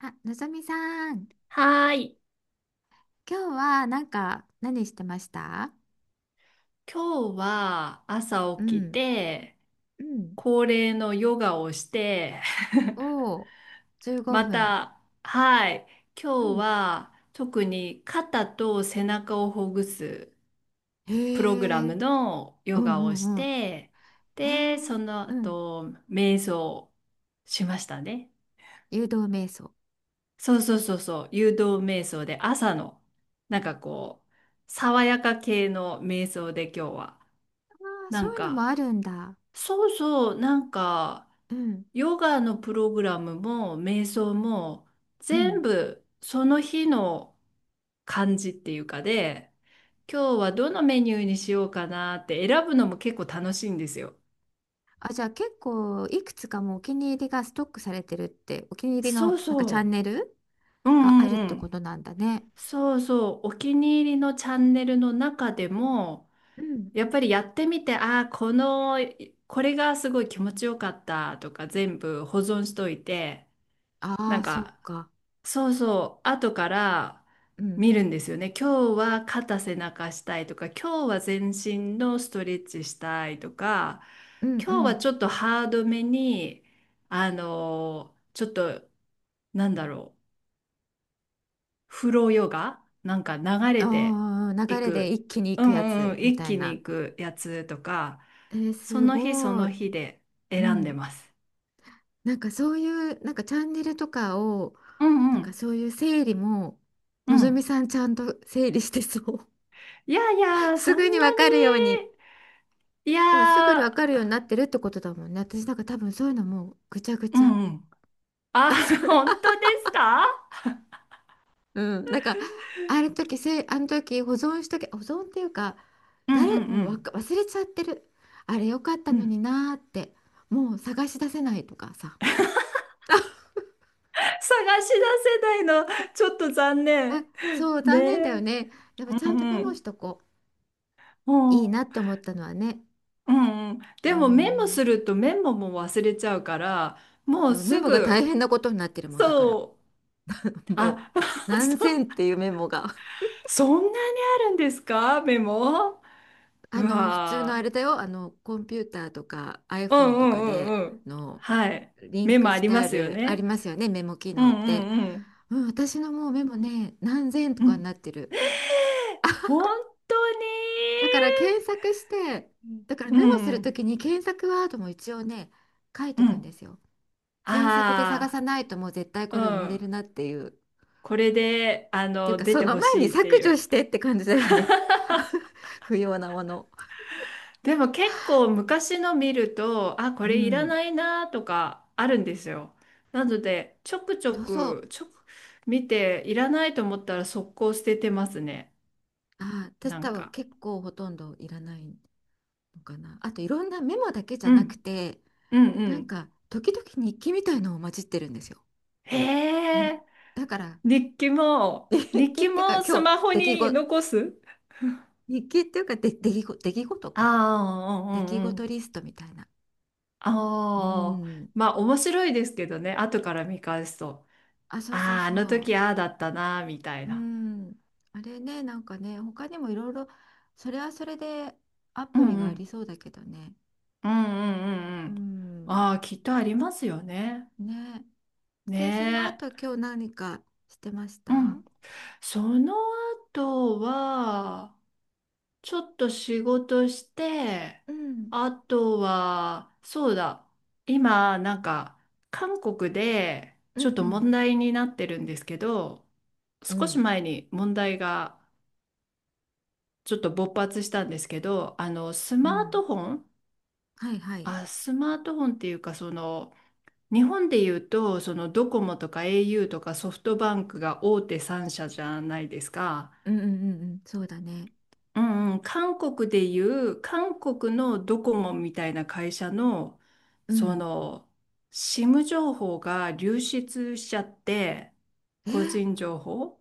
あ、のぞみさん、はーい。今日はなんか何してました？今日はう朝起きん。て、うん。恒例のヨガをして、おお、15 ま分。た、はい。う今日ん。は特に肩と背中をほぐすへプログラえ、うムんのうヨガをしんうん。て、へで、え、そのうん。後、瞑想しましたね。誘導瞑想。そうそうそうそう。誘導瞑想で朝の、なんかこう、爽やか系の瞑想で今日は、ああ、なそんういうのもあか、るんだ。そうそう、なんか、うん、ヨガのプログラムも、瞑想も、う全ん。部その日の感じっていうかで、今日はどのメニューにしようかなって選ぶのも結構楽しいんですよ。あ、じゃあ結構いくつかもうお気に入りがストックされてるって、お気に入りのそうなんかチャンそネルう。うがんあうるっんてうこん。となんだね。そうそう。お気に入りのチャンネルの中でも、うん。やっぱりやってみて、ああ、この、いこれがすごい気持ちよかったとか全部保存しといて、あなんあ、そっかか。そうそう、後からうん、見るんですよね。今日は肩背中したいとか、今日は全身のストレッチしたいとか、うんう今日はん。ちょっとハードめに、ちょっと、なんだろう、フローヨガなんか流れてあー流いれでく、一気に行うくやんうんうつん、み一たい気にな。いくやつとか、えーそすの日そごい。の日でう選んでん。ます。なんかそういう、なんかチャンネルとかを、うんなうんかんそういう整理も、うのぞみん。さんちゃんと整理してそう。いやい や、そすんなぐにわかるように。に、いやでもすぐにわかーるようになってるってことだもんね。私なんか多分そういうのもうぐちゃぐうちゃ。んうん。あ、あ、そ れ本当ですか？うん、なんかあの時せあの時保存しとけ保存っていうかうんう誰んうもうわかん。忘れちゃってるあれよかったうのん。になーってもう探し出せないとかさ。 探し出せないの、ちょっと残あ、念。そうね残念だよえ。ね。やっぱちうゃんとんメうモん。しとこうういいなんって思ったのはね。うんうん。うでもメモん。するとメモも忘れちゃうから、もうメすモが大ぐ、変なことになってるもんだから そう。もあ、う 何千そ、っていうメモが、そんなにあるんですか？メモう普通のわあー。れだよ、コンピューターとか うん iPhone うとかんうでんうん。のはい。リンメクモあしりてまあすよる、あね。りますよね、メモ機う能っんうて。んうん。うん、私のもうメモね、何千とうかにん。なってる。本当だに。から検索して、だからうメモするとん、きに検索ワードも一応ね、書いとうくんでん。すよ。検索で探あさないともう絶対あ、こうれ埋もれるん。なっていう。っこれで、あていうの、か、出そてのほ前にしいって削い除う。してって感じだよね。不要なもの。でも結構昔の見ると、あ、こうれいらん。ないなとかあるんですよ。なので、ちょくちょそうそう。く、ちょく、見て、いらないと思ったら速攻捨ててますね。ああ、私な多ん分か。結構ほとんどいらないのかな。あといろんなメモだけじうゃなくん、て、うん、うなんん。か時々日記みたいのを混じってるんですよ。へに、え、だから日記も、日日記っ記ていうかもス今日マホ出来に事、残す？日記っていうかで出来事、出来事か。ああ、う出ん、う来ん、う事ん。リストみたいな。うあん。あ、まあ面白いですけどね、後から見返すと、あ、そうそうああ、あそのう。時ああだったな、みたいうな。ん。あれね、なんかね、他にもいろいろ、それはそれでアうんプリがうありん。そうだけどね。うんうんうんううん。ん。ああ、きっとありますよね。ね。で、そのね後え。今日何かしてました？うん。その後は、ちょっと仕事して、うん、あとは、そうだ、今、なんか、韓国で、うんちょっうとん、問題になってるんですけど、う少しん、前に問題がちょっと勃発したんですけど、あのスうマーん、トフォン、はいはい、あ、スマートフォンっていうかその日本でいうとそのドコモとか au とかソフトバンクが大手3社じゃないですか。うんうんうんうん、そうだね、うんうん、韓国でいう韓国のドコモみたいな会社のうそん、の SIM 情報が流出しちゃって、え、個人情報、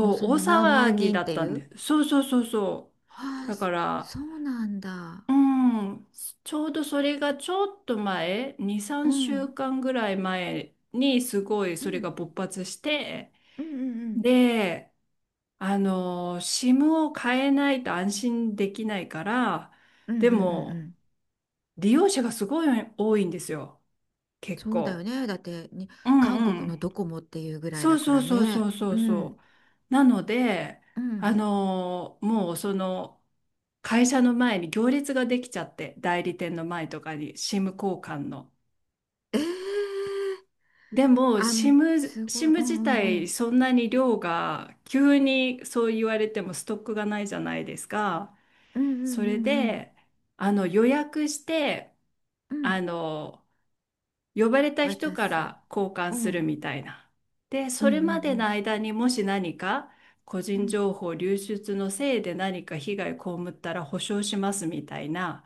もううそ大の何騒万ぎ人っだっていたんう、です。そうそうそうそあう。あ、だかそらそうなんだ、うん、ちょうどそれがちょっと前、2、う3ん、週間ぐらい前にすごいうそれん、が勃発して、うんうんうん、で、あの、SIM を変えないと安心できないから、うんうんでうんうもん、利用者がすごい多いんですよ、結そうだよ構。ね、だってに、う韓んう国のん。ドコモっていうぐらいそだうかそうらそうそね、うそううん、そう。なので、うあん、の、もうその、会社の前に行列ができちゃって、代理店の前とかに SIM 交換の。えー、でも、あ、もシうム、すシごい、ムうん自うんう体、ん、そんなに量が、急にそう言われてもストックがないじゃないですか。うんうそんれうんうん、で、あの、予約して、うあん、の、呼ばれた人渡かす、ら交換うん、うするんみたいな。で、うんそうれまでのん、間にもし何か、個う人ん。情報流出のせいで何か被害被ったら保証しますみたいな、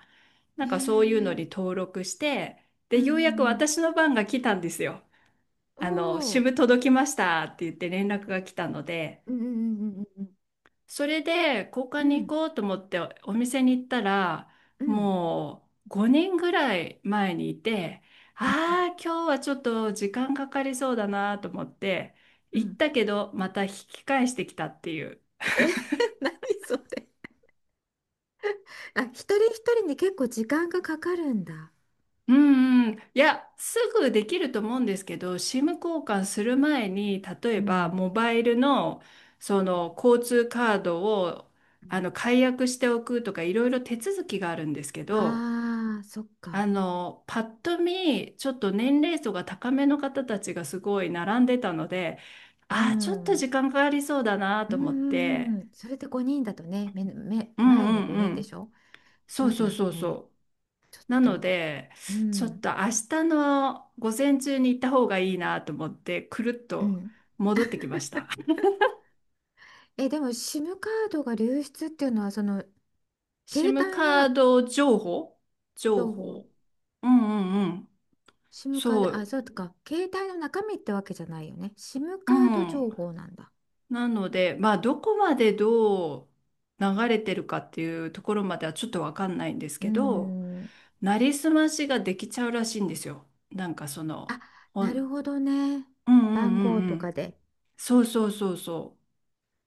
なへんかそういうのえ、に登録して、うで、んよううやくんうん、私の番が来たんですよ。おあの、支お、部届きましたって言って連絡が来たので、うんうんうんそれで交換うに行んこうと思ってお店に行ったら、うんうんもう5年ぐらい前にいて、うんああ、今日はちょっと時間かかりそうだなと思って、うんう行っん、たけど、また引き返してきたっていう。え。 何それ。あ、一人一人に結構時間がかかるんだ。うんうん、いや、すぐできると思うんですけど、SIM 交換する前に、例うえばんモバイルのそうのん、交通カードをあの解約しておくとか、いろいろ手続きがあるんですけど、あーそっあか、のパッと見、ちょっと年齢層が高めの方たちがすごい並んでたので、うああ、ちんょっとうん時間かかりそうだなうと思っんて、うん。それで5人だとね、めめうん前うにん5う人でしん、ょ。そそううだそうよそうね。そちょっう。なのと、で、うちょっんと明日の午前中に行った方がいいなと思って、くるっうとん。戻ってきました。え、でも SIM カードが流出っていうのはその携 SIM 帯カのード情報、情情報、 報。うんうんうん。SIM カーそド。あ、う。そうか。携帯の中身ってわけじゃないよね。SIM うカードん。情報なんだ。なので、まあ、どこまでどう流れてるかっていうところまではちょっとわかんないんですうーけど、ん。なりすましができちゃうらしいんですよ。なんかその、あ、おうなるんほどね。うんう番号んうとかん。で。そうそうそうそう。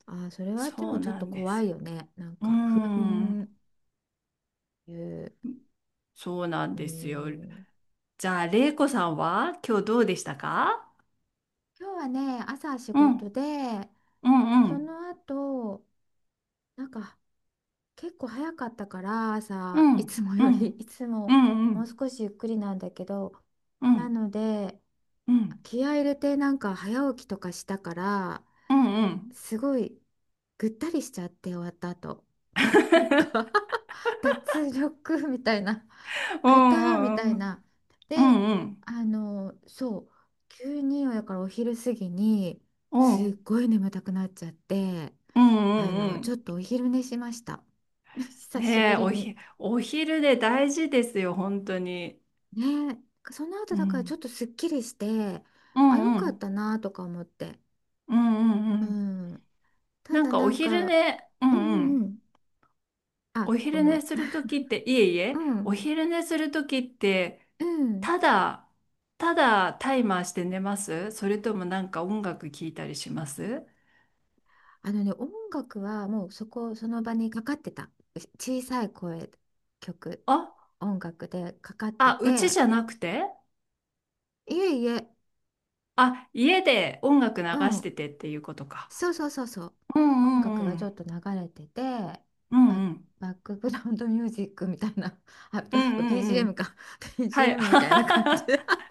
あ、それはでそもうちょっなとんで怖すよ。いよね。なんうーか不安ん。いう。そうなんうーですよ。ん。じゃあ、れいこさんは今日どうでしたか？今日はね、朝仕うん、事で、うん、うそん、の後、なんか結構早かったから、う朝、いん、つもうより、ん、いつうもん、うもうん、少しゆっくりなんだけど、うなん、ので、うん、気合い入れてなんか早起きとかしたからうん、うん、すごいぐったりしちゃって終わった後 なんか 脱力みたいな うぐたーみたん、ういん、な。うで、ん、そう急にやからお昼過ぎにすっごい眠たくなっちゃって、うん、うちょっん。とお昼寝しました。 久しねぶえ、りおに。ひ、お昼で大事ですよ、本当に。ねえ、その後うだからちょん、っとすっきりして、うあ、よん、うかっん、たなとか思って。うん、うん、ううん。ん。たなんだかおなん昼か、寝、ううんん、ううんうん。ん。あ、おご昼め寝ん。する ときって、いえいうえ、おん昼寝するときって、うん。ただ、ただタイマーして寝ます？それともなんか音楽聴いたりします？あのね、音楽はもうそこ、その場にかかってた。小さい声、曲、あ、音楽でかかってあ、うちて、じゃなくて？いえいえ、あ、家で音楽流うしてん。てっていうことか。そうそうそうそう。う音んうん楽うがちょん。っと流れてて、うんバッ、うん。バックグラウンドミュージックみたいな、あ、うなんんか うんう BGM ん。か、はい。BGM みたいな感じ。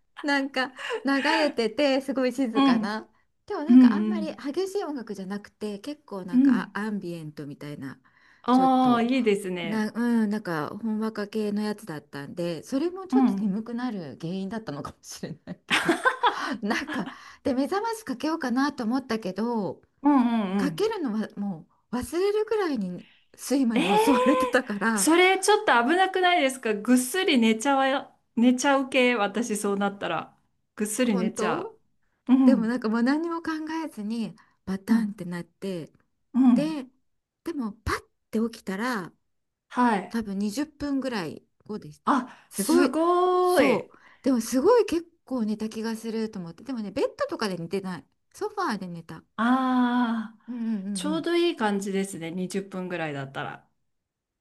なんか流れててすごいう静かんな。でもうなんかあんんまうりん激しい音楽じゃなくて結構うなんかん。アンビエントみたいな、ちょっああ、といいですね。な、うん、なんかほんわか系のやつだったんでそれもうちょん。っうとん眠くなる原因だったのかもしれないけど なんかで目覚ましかけようかなと思ったけどうんうかけん。るのはもう忘れるぐらいに睡魔えに襲われー、てたから、それちょっと危なくないですか？ぐっすり寝ちゃわ、寝ちゃう系、私そうなったら。ぐっすり寝本ちゃ当。う。うでもん、なんかもう何にも考えずにバうタンっん、てなって。うん。で、でもパッて起きたらはい。多分20分ぐらい後でした。あ、すごすい、ごーそい。う。でもすごい結構寝た気がすると思って。でもね、ベッドとかで寝てない。ソファーで寝た。ああ、うんうんうちんょううん。どいい感じですね。20分ぐらいだったら。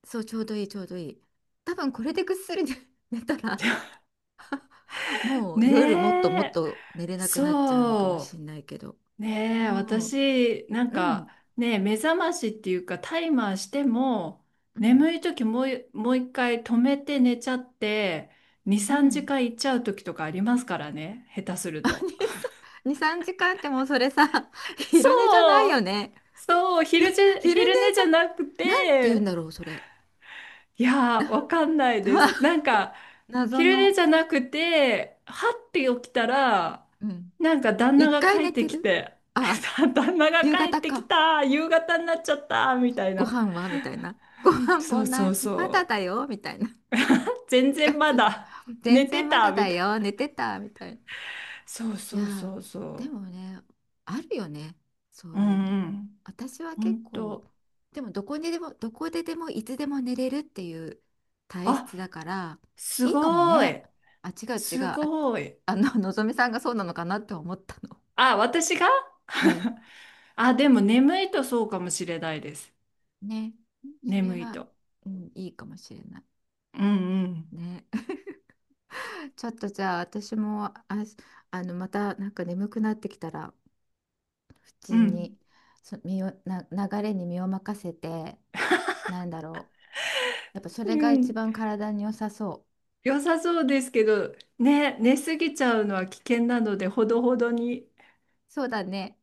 そう、ちょうどいいちょうどいい。多分これでぐっすり寝 寝たらもうね夜もっともっえ、と寝れなくなっちゃうのかもしそれないけど。う。ねえ、も私、なんう、うか、ん、ねえ、目覚ましっていうか、タイマーしても、うん、眠い時もう、もう一回止めて寝ちゃって、2、う3ん。時間行っちゃう時とかありますからね、下手す るあ、と。2、2 3時間ってもうそれさ、そ昼寝じゃないようね。そう、昼じ、昼寝昼寝じゃなくじゃ、なんて言うんて、だろう、それ。いやー、わかんな いでな、な、す。なんか、謎昼の、寝じゃなくて、はって起きたら、うん。なんか旦那一が回帰っ寝ててきる、て、あ、旦那が夕帰っ方てきか。た、夕方になっちゃった、みたいごな。飯はみたいな。ご飯そもうなそい。うまだそだよみたいなう。全然感まじで。だ全寝て然まだた、だみたいよ。な。寝てたみたいな。そういそやうー、そうでそもね、あるよねそうう。ういうの。んうん。私はほ結ん構と。でもどこにでもどこででもいつでも寝れるっていう体質だあ、からすいいかもごね。い。あ、違う違う、すあ、ごい。のぞみさんがそうなのかなって思ったの。 あ、私が？ うん、 あ、でも眠いとそうかもしれないです。ね、それ眠いは、と。うん、いいかもしれないうんね。 ちょっと、じゃあ私も、あ、またなんか眠くなってきたら普う通んにそ身をな流れに身を任せて、なんだろう、やっぱそうれがんう一ん。番体に良さそう。良さそうですけどね、寝すぎちゃうのは危険なのでほどほどにそうだね。